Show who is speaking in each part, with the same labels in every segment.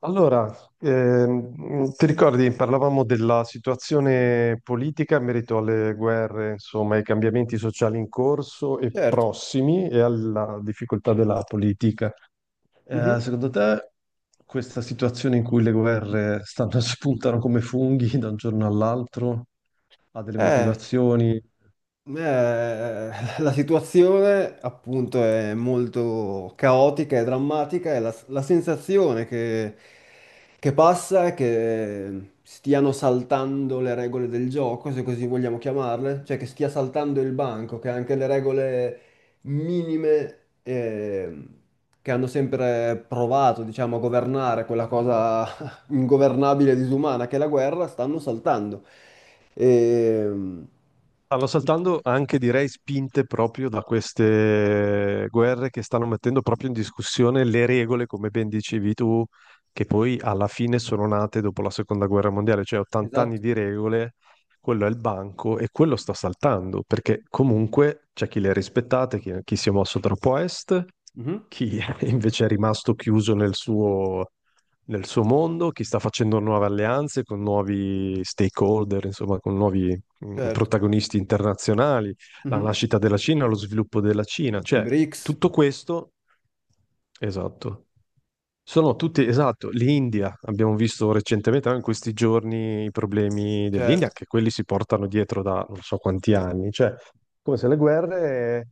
Speaker 1: Allora, ti ricordi, parlavamo della situazione politica in merito alle guerre, insomma, ai cambiamenti sociali in corso e
Speaker 2: Certo.
Speaker 1: prossimi e alla difficoltà della politica.
Speaker 2: Mhm.
Speaker 1: Secondo te, questa situazione in cui le guerre stanno, spuntano come funghi da un giorno all'altro, ha delle
Speaker 2: Eh,
Speaker 1: motivazioni?
Speaker 2: Eh, la situazione appunto è molto caotica e drammatica e la sensazione che passa è che stiano saltando le regole del gioco, se così vogliamo chiamarle, cioè che stia saltando il banco, che anche le regole minime eh, che hanno sempre provato, diciamo, a governare quella cosa ingovernabile e disumana che è la guerra, stanno saltando. E,
Speaker 1: Stanno saltando anche, direi, spinte proprio da queste guerre che stanno mettendo proprio in discussione le regole, come ben dicevi tu, che poi alla fine sono nate dopo la seconda guerra mondiale, cioè 80 anni
Speaker 2: Esatto.
Speaker 1: di regole, quello è il banco e quello sta saltando, perché comunque c'è chi le ha rispettate, chi, chi si è mosso troppo a est,
Speaker 2: Mhm.
Speaker 1: chi invece è rimasto chiuso nel suo mondo, chi sta facendo nuove alleanze con nuovi stakeholder, insomma, con nuovi
Speaker 2: Certo.
Speaker 1: protagonisti internazionali, la
Speaker 2: Mhm.
Speaker 1: nascita della Cina, lo sviluppo della Cina,
Speaker 2: I
Speaker 1: cioè
Speaker 2: BRICS,
Speaker 1: tutto questo, esatto. Sono tutti, esatto, l'India, abbiamo visto recentemente anche in questi giorni i problemi dell'India,
Speaker 2: certo,
Speaker 1: che quelli si portano dietro da non so quanti anni, cioè come se le guerre.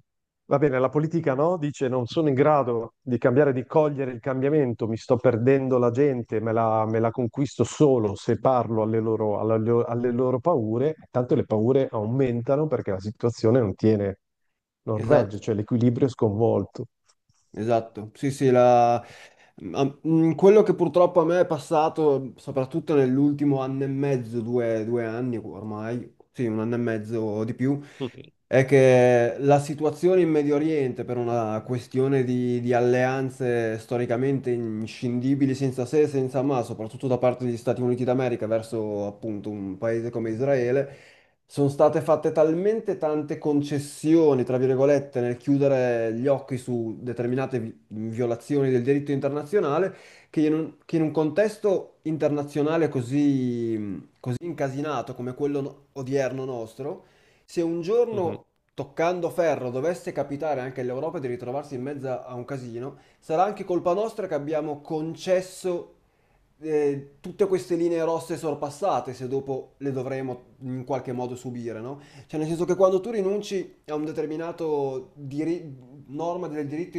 Speaker 1: Va bene, la politica no, dice non sono in grado di cambiare, di cogliere il cambiamento, mi sto perdendo la gente, me la conquisto solo se parlo alle loro, alle loro paure, tanto le paure aumentano perché la situazione non tiene, non
Speaker 2: esatto,
Speaker 1: regge, cioè l'equilibrio è sconvolto.
Speaker 2: esatto. Sì, sì, ma, quello che purtroppo a me è passato, soprattutto nell'ultimo anno e mezzo, due, due anni ormai, sì, un anno e mezzo o di più, è che la situazione in Medio Oriente, per una questione di alleanze storicamente inscindibili, senza se e senza ma, soprattutto da parte degli Stati Uniti d'America verso appunto un paese come Israele, sono state fatte talmente tante concessioni, tra virgolette, nel chiudere gli occhi su determinate violazioni del diritto internazionale, che in un contesto internazionale così, così incasinato come quello no- odierno nostro, se un
Speaker 1: Mhm.
Speaker 2: giorno, toccando ferro, dovesse capitare anche all'Europa di ritrovarsi in mezzo a un casino, sarà anche colpa nostra che abbiamo concesso tutte queste linee rosse sorpassate, se dopo le dovremo in qualche modo subire, no? Cioè, nel senso che quando tu rinunci a un determinato norma del diritto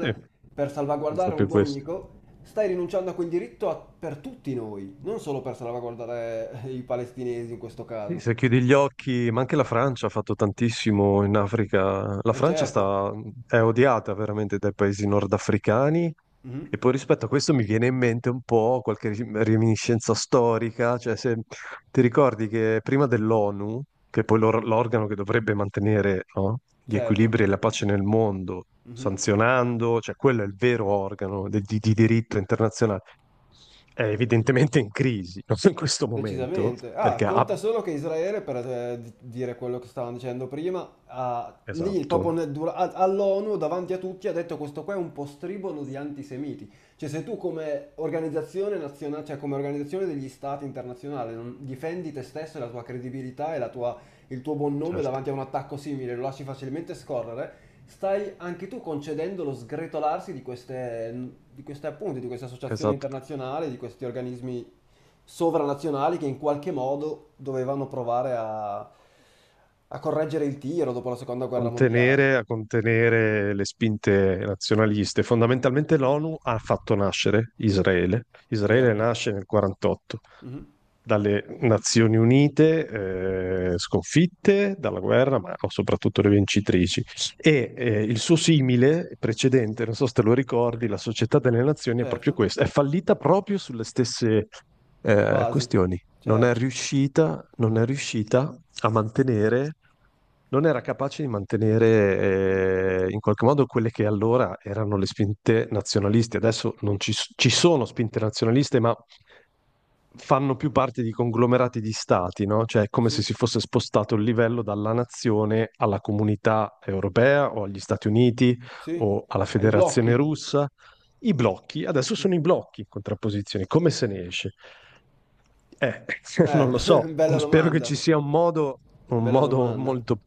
Speaker 1: Sì, è
Speaker 2: per salvaguardare un
Speaker 1: proprio
Speaker 2: tuo
Speaker 1: questo.
Speaker 2: amico, stai rinunciando a quel diritto per tutti noi, non solo per salvaguardare i palestinesi in questo
Speaker 1: Sì, se
Speaker 2: caso.
Speaker 1: chiudi gli occhi, ma anche la Francia ha fatto tantissimo in Africa. La
Speaker 2: E
Speaker 1: Francia
Speaker 2: certo.
Speaker 1: sta- è odiata veramente dai paesi nordafricani.
Speaker 2: Mhm.
Speaker 1: E poi rispetto a questo mi viene in mente un po' qualche reminiscenza storica, cioè se ti ricordi che prima dell'ONU, che poi l'organo che dovrebbe mantenere, no, gli
Speaker 2: Certo.
Speaker 1: equilibri e la pace nel mondo,
Speaker 2: Mhm.
Speaker 1: sanzionando, cioè quello è il vero organo di diritto internazionale, è evidentemente in crisi, no? in questo momento,
Speaker 2: Decisamente. Ah,
Speaker 1: perché ha.
Speaker 2: conta solo che Israele, per dire quello che stavamo dicendo prima, lì
Speaker 1: Esatto,
Speaker 2: proprio nel all'ONU davanti a tutti ha detto questo qua è un postribolo di antisemiti. Cioè se tu come organizzazione nazionale, cioè come organizzazione degli stati internazionali non difendi te stesso e la tua credibilità e il tuo buon nome
Speaker 1: certo,
Speaker 2: davanti a un attacco simile, lo lasci facilmente scorrere, stai anche tu concedendo lo sgretolarsi di queste associazioni
Speaker 1: esatto.
Speaker 2: internazionali, di questi organismi sovranazionali che in qualche modo dovevano provare a correggere il tiro dopo la seconda guerra mondiale.
Speaker 1: Contenere, a contenere le spinte nazionaliste. Fondamentalmente l'ONU ha fatto nascere Israele. Israele
Speaker 2: Esatto.
Speaker 1: nasce nel 48
Speaker 2: Mhm.
Speaker 1: dalle Nazioni Unite, sconfitte dalla guerra, ma soprattutto le vincitrici. E il suo simile precedente, non so se te lo ricordi, la Società delle Nazioni è proprio
Speaker 2: Certo.
Speaker 1: questa, è fallita proprio sulle stesse
Speaker 2: Basi.
Speaker 1: questioni. Non è
Speaker 2: Certo.
Speaker 1: riuscita, non è riuscita a mantenere, non era capace di mantenere in qualche modo quelle che allora erano le spinte nazionaliste. Adesso non ci, ci sono spinte nazionaliste, ma fanno più parte di conglomerati di stati, no? Cioè è come se
Speaker 2: Sì.
Speaker 1: si fosse spostato il livello dalla nazione alla comunità europea o agli Stati Uniti
Speaker 2: Sì.
Speaker 1: o alla
Speaker 2: Ai
Speaker 1: Federazione
Speaker 2: blocchi.
Speaker 1: Russa. I blocchi, adesso
Speaker 2: Eh,
Speaker 1: sono i blocchi in contrapposizione, come se ne esce? Eh, non lo so,
Speaker 2: bella
Speaker 1: spero che
Speaker 2: domanda.
Speaker 1: ci sia un
Speaker 2: Bella
Speaker 1: modo
Speaker 2: domanda.
Speaker 1: molto...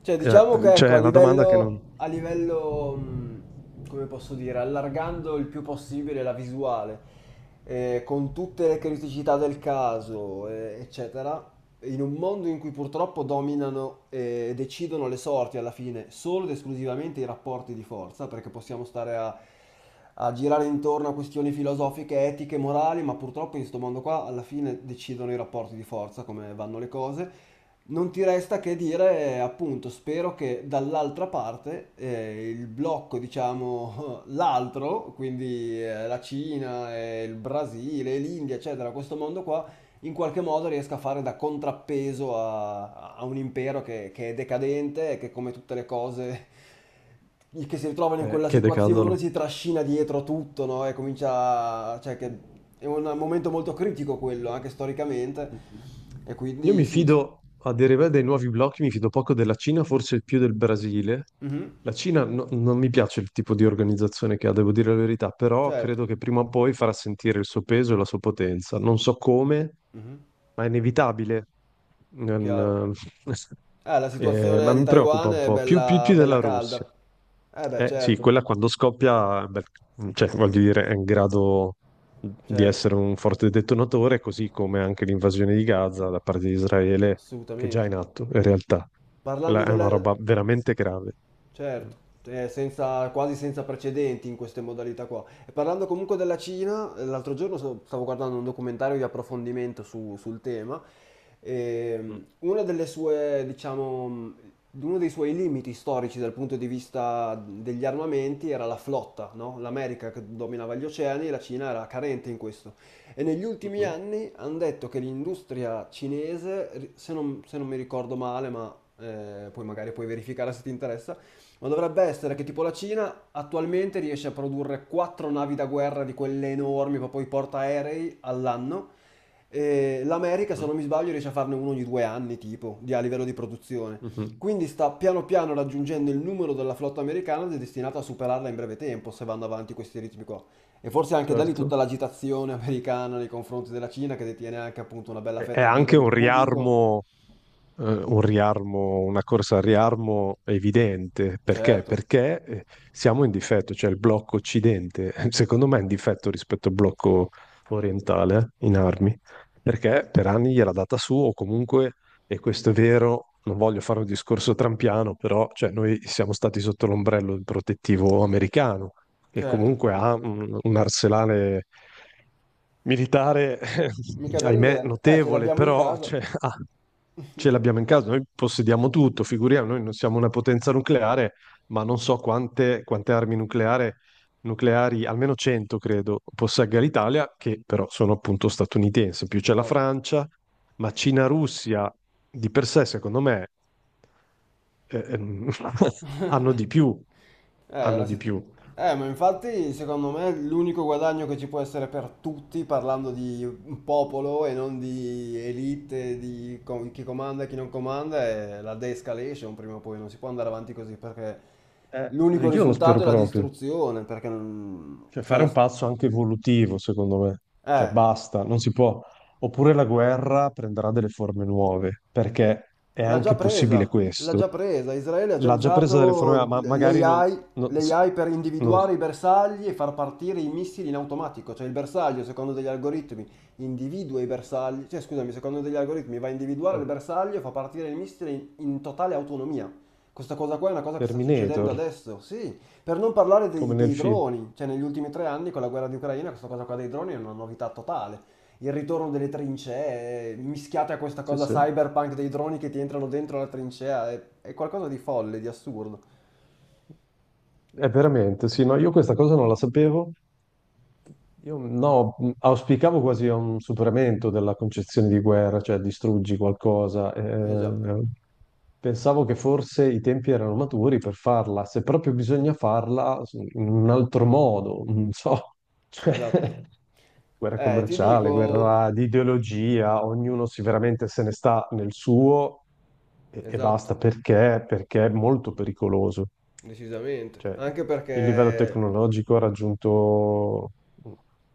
Speaker 2: Cioè,
Speaker 1: eh,
Speaker 2: diciamo che ecco,
Speaker 1: cioè,
Speaker 2: a
Speaker 1: è una domanda che non...
Speaker 2: livello, a livello, come posso dire, allargando il più possibile la visuale, con tutte le criticità del caso, eccetera, in un mondo in cui purtroppo dominano e decidono le sorti alla fine solo ed esclusivamente i rapporti di forza, perché possiamo stare a girare intorno a questioni filosofiche, etiche, morali, ma purtroppo in questo mondo qua alla fine decidono i rapporti di forza, come vanno le cose. Non ti resta che dire, appunto, spero che dall'altra parte il blocco, diciamo, l'altro, quindi la Cina, il Brasile, l'India, eccetera, questo mondo qua, in qualche modo riesca a fare da contrappeso a un impero che è decadente e che come tutte le cose che si ritrovano in quella
Speaker 1: che
Speaker 2: situazione
Speaker 1: decadono.
Speaker 2: si trascina dietro tutto, no? E comincia, cioè che è un momento molto critico quello, anche storicamente.
Speaker 1: Mhm.
Speaker 2: E
Speaker 1: Io
Speaker 2: quindi
Speaker 1: mi
Speaker 2: sì.
Speaker 1: fido, a deriva dei nuovi blocchi, mi fido poco della Cina, forse più del Brasile.
Speaker 2: Mhm.
Speaker 1: La Cina non mi piace il tipo di organizzazione che ha, devo dire la verità, però
Speaker 2: Certo.
Speaker 1: credo che prima o poi farà sentire il suo peso e la sua potenza. Non so come,
Speaker 2: Mhm.
Speaker 1: ma è inevitabile.
Speaker 2: Chiaro.
Speaker 1: Non, eh,
Speaker 2: La situazione
Speaker 1: ma
Speaker 2: di
Speaker 1: mi preoccupa
Speaker 2: Taiwan
Speaker 1: un
Speaker 2: è
Speaker 1: po', più,
Speaker 2: bella,
Speaker 1: più
Speaker 2: bella
Speaker 1: della Russia.
Speaker 2: calda. Eh beh,
Speaker 1: Eh sì,
Speaker 2: certo,
Speaker 1: quella quando scoppia, beh, cioè, voglio dire, è in grado di
Speaker 2: certo,
Speaker 1: essere un forte detonatore, così come anche l'invasione di Gaza da parte di Israele, che è già
Speaker 2: assolutamente.
Speaker 1: in atto, in realtà. Quella
Speaker 2: Parlando
Speaker 1: è
Speaker 2: della...
Speaker 1: una roba veramente grave. Mm.
Speaker 2: Certo, è quasi senza precedenti in queste modalità qua. E parlando comunque della Cina, l'altro giorno stavo guardando un documentario di approfondimento sul tema
Speaker 1: Mhm,
Speaker 2: e una delle sue, diciamo, uno dei suoi limiti storici dal punto di vista degli armamenti era la flotta, no? L'America che dominava gli oceani e la Cina era carente in questo. E negli ultimi
Speaker 1: mhm,
Speaker 2: anni hanno detto che l'industria cinese, se non mi ricordo male, ma poi magari puoi verificare se ti interessa, ma dovrebbe essere
Speaker 1: sì,
Speaker 2: che
Speaker 1: sì.
Speaker 2: tipo la Cina attualmente riesce a produrre quattro navi da guerra di quelle enormi, proprio i portaerei all'anno. E l'America, se non mi sbaglio, riesce a farne uno ogni due anni, tipo, a livello di produzione.
Speaker 1: Mhm, mhm.
Speaker 2: Quindi sta piano piano raggiungendo il numero della flotta americana ed è destinato a superarla in breve tempo, se vanno avanti questi ritmi qua. E forse anche da lì tutta
Speaker 1: Certo.
Speaker 2: l'agitazione americana nei confronti della Cina, che detiene anche appunto una bella
Speaker 1: È
Speaker 2: fetta di
Speaker 1: anche
Speaker 2: debito pubblico.
Speaker 1: un riarmo, una corsa al riarmo evidente. Perché?
Speaker 2: Certo,
Speaker 1: Perché siamo in difetto, cioè il blocco occidente, secondo me, è in difetto rispetto al blocco orientale in armi, perché per anni gliel'ha data su, o comunque, e questo è vero, non voglio fare un discorso trampiano, però cioè, noi siamo stati sotto l'ombrello protettivo americano che
Speaker 2: certo.
Speaker 1: comunque ha un arsenale militare,
Speaker 2: Mica da
Speaker 1: ahimè,
Speaker 2: ridere. Ce
Speaker 1: notevole,
Speaker 2: l'abbiamo in
Speaker 1: però
Speaker 2: casa.
Speaker 1: cioè, ah, ce l'abbiamo in casa, noi possediamo tutto, figuriamo, noi non siamo una potenza nucleare, ma non so quante, quante nucleari, almeno 100 credo, possegga l'Italia, che però sono appunto statunitensi, in più c'è la
Speaker 2: Esatto.
Speaker 1: Francia, ma Cina-Russia di per sé, secondo me, eh, ehm, hanno di più,
Speaker 2: Eh,
Speaker 1: hanno
Speaker 2: la
Speaker 1: di
Speaker 2: sit-
Speaker 1: più.
Speaker 2: ma infatti secondo me l'unico guadagno che ci può essere per tutti, parlando di un popolo e non di elite, chi comanda e chi non comanda, è la de-escalation prima o poi, non si può andare avanti così perché
Speaker 1: Eh,
Speaker 2: l'unico
Speaker 1: io lo spero
Speaker 2: risultato è la
Speaker 1: proprio.
Speaker 2: distruzione, perché non.
Speaker 1: Cioè, fare un passo anche evolutivo, secondo me. Cioè,
Speaker 2: Eh,
Speaker 1: basta, non si può. Oppure la guerra prenderà delle forme nuove, perché è
Speaker 2: L'ha già
Speaker 1: anche possibile
Speaker 2: presa, l'ha
Speaker 1: questo.
Speaker 2: già presa. Israele ha già
Speaker 1: L'ha già presa delle forme,
Speaker 2: usato
Speaker 1: ma magari non... non,
Speaker 2: l'AI per
Speaker 1: non-
Speaker 2: individuare i bersagli e far partire i missili in automatico. Cioè il bersaglio, secondo degli algoritmi, individua i bersagli, cioè scusami, secondo degli algoritmi va a individuare il
Speaker 1: eh,
Speaker 2: bersaglio e fa partire il missile in totale autonomia. Questa cosa qua è una cosa che sta succedendo
Speaker 1: Terminator,
Speaker 2: adesso, sì. Per non parlare
Speaker 1: come nel
Speaker 2: dei
Speaker 1: film.
Speaker 2: droni, cioè negli ultimi tre anni con la guerra di Ucraina, questa cosa qua dei droni è una novità totale. Il ritorno delle trincee, mischiate a questa
Speaker 1: Sì,
Speaker 2: cosa
Speaker 1: sì.
Speaker 2: cyberpunk dei droni che ti entrano dentro la trincea, è qualcosa di folle, di assurdo.
Speaker 1: È veramente, sì, no, io questa cosa non la sapevo. Io no, auspicavo quasi a un superamento della concezione di guerra, cioè distruggi qualcosa.
Speaker 2: Eh già,
Speaker 1: Pensavo che forse i tempi erano maturi per farla, se proprio bisogna farla in un altro modo, non so,
Speaker 2: esatto.
Speaker 1: cioè, guerra
Speaker 2: Ti
Speaker 1: commerciale,
Speaker 2: dico,
Speaker 1: guerra di ideologia, ognuno si veramente se ne sta nel suo e
Speaker 2: esatto,
Speaker 1: basta perché, perché è molto pericoloso.
Speaker 2: decisamente.
Speaker 1: Cioè,
Speaker 2: Anche
Speaker 1: il livello
Speaker 2: perché
Speaker 1: tecnologico ha raggiunto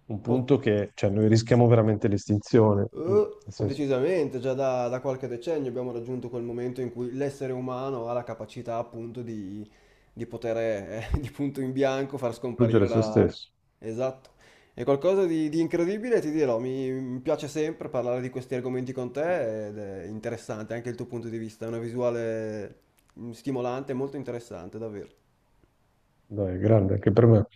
Speaker 1: un
Speaker 2: po-
Speaker 1: punto che, cioè, noi rischiamo veramente l'estinzione, Mm, nel senso,
Speaker 2: Decisamente, già da qualche decennio abbiamo raggiunto quel momento in cui l'essere umano ha la capacità appunto di poter di punto in bianco far
Speaker 1: distruggere
Speaker 2: scomparire
Speaker 1: se
Speaker 2: la.
Speaker 1: stesso.
Speaker 2: Esatto. È qualcosa di incredibile, ti dirò, mi piace sempre parlare di questi argomenti con te ed è interessante anche il tuo punto di vista, è una visuale stimolante, molto interessante, davvero.
Speaker 1: Dai, è grande anche per me.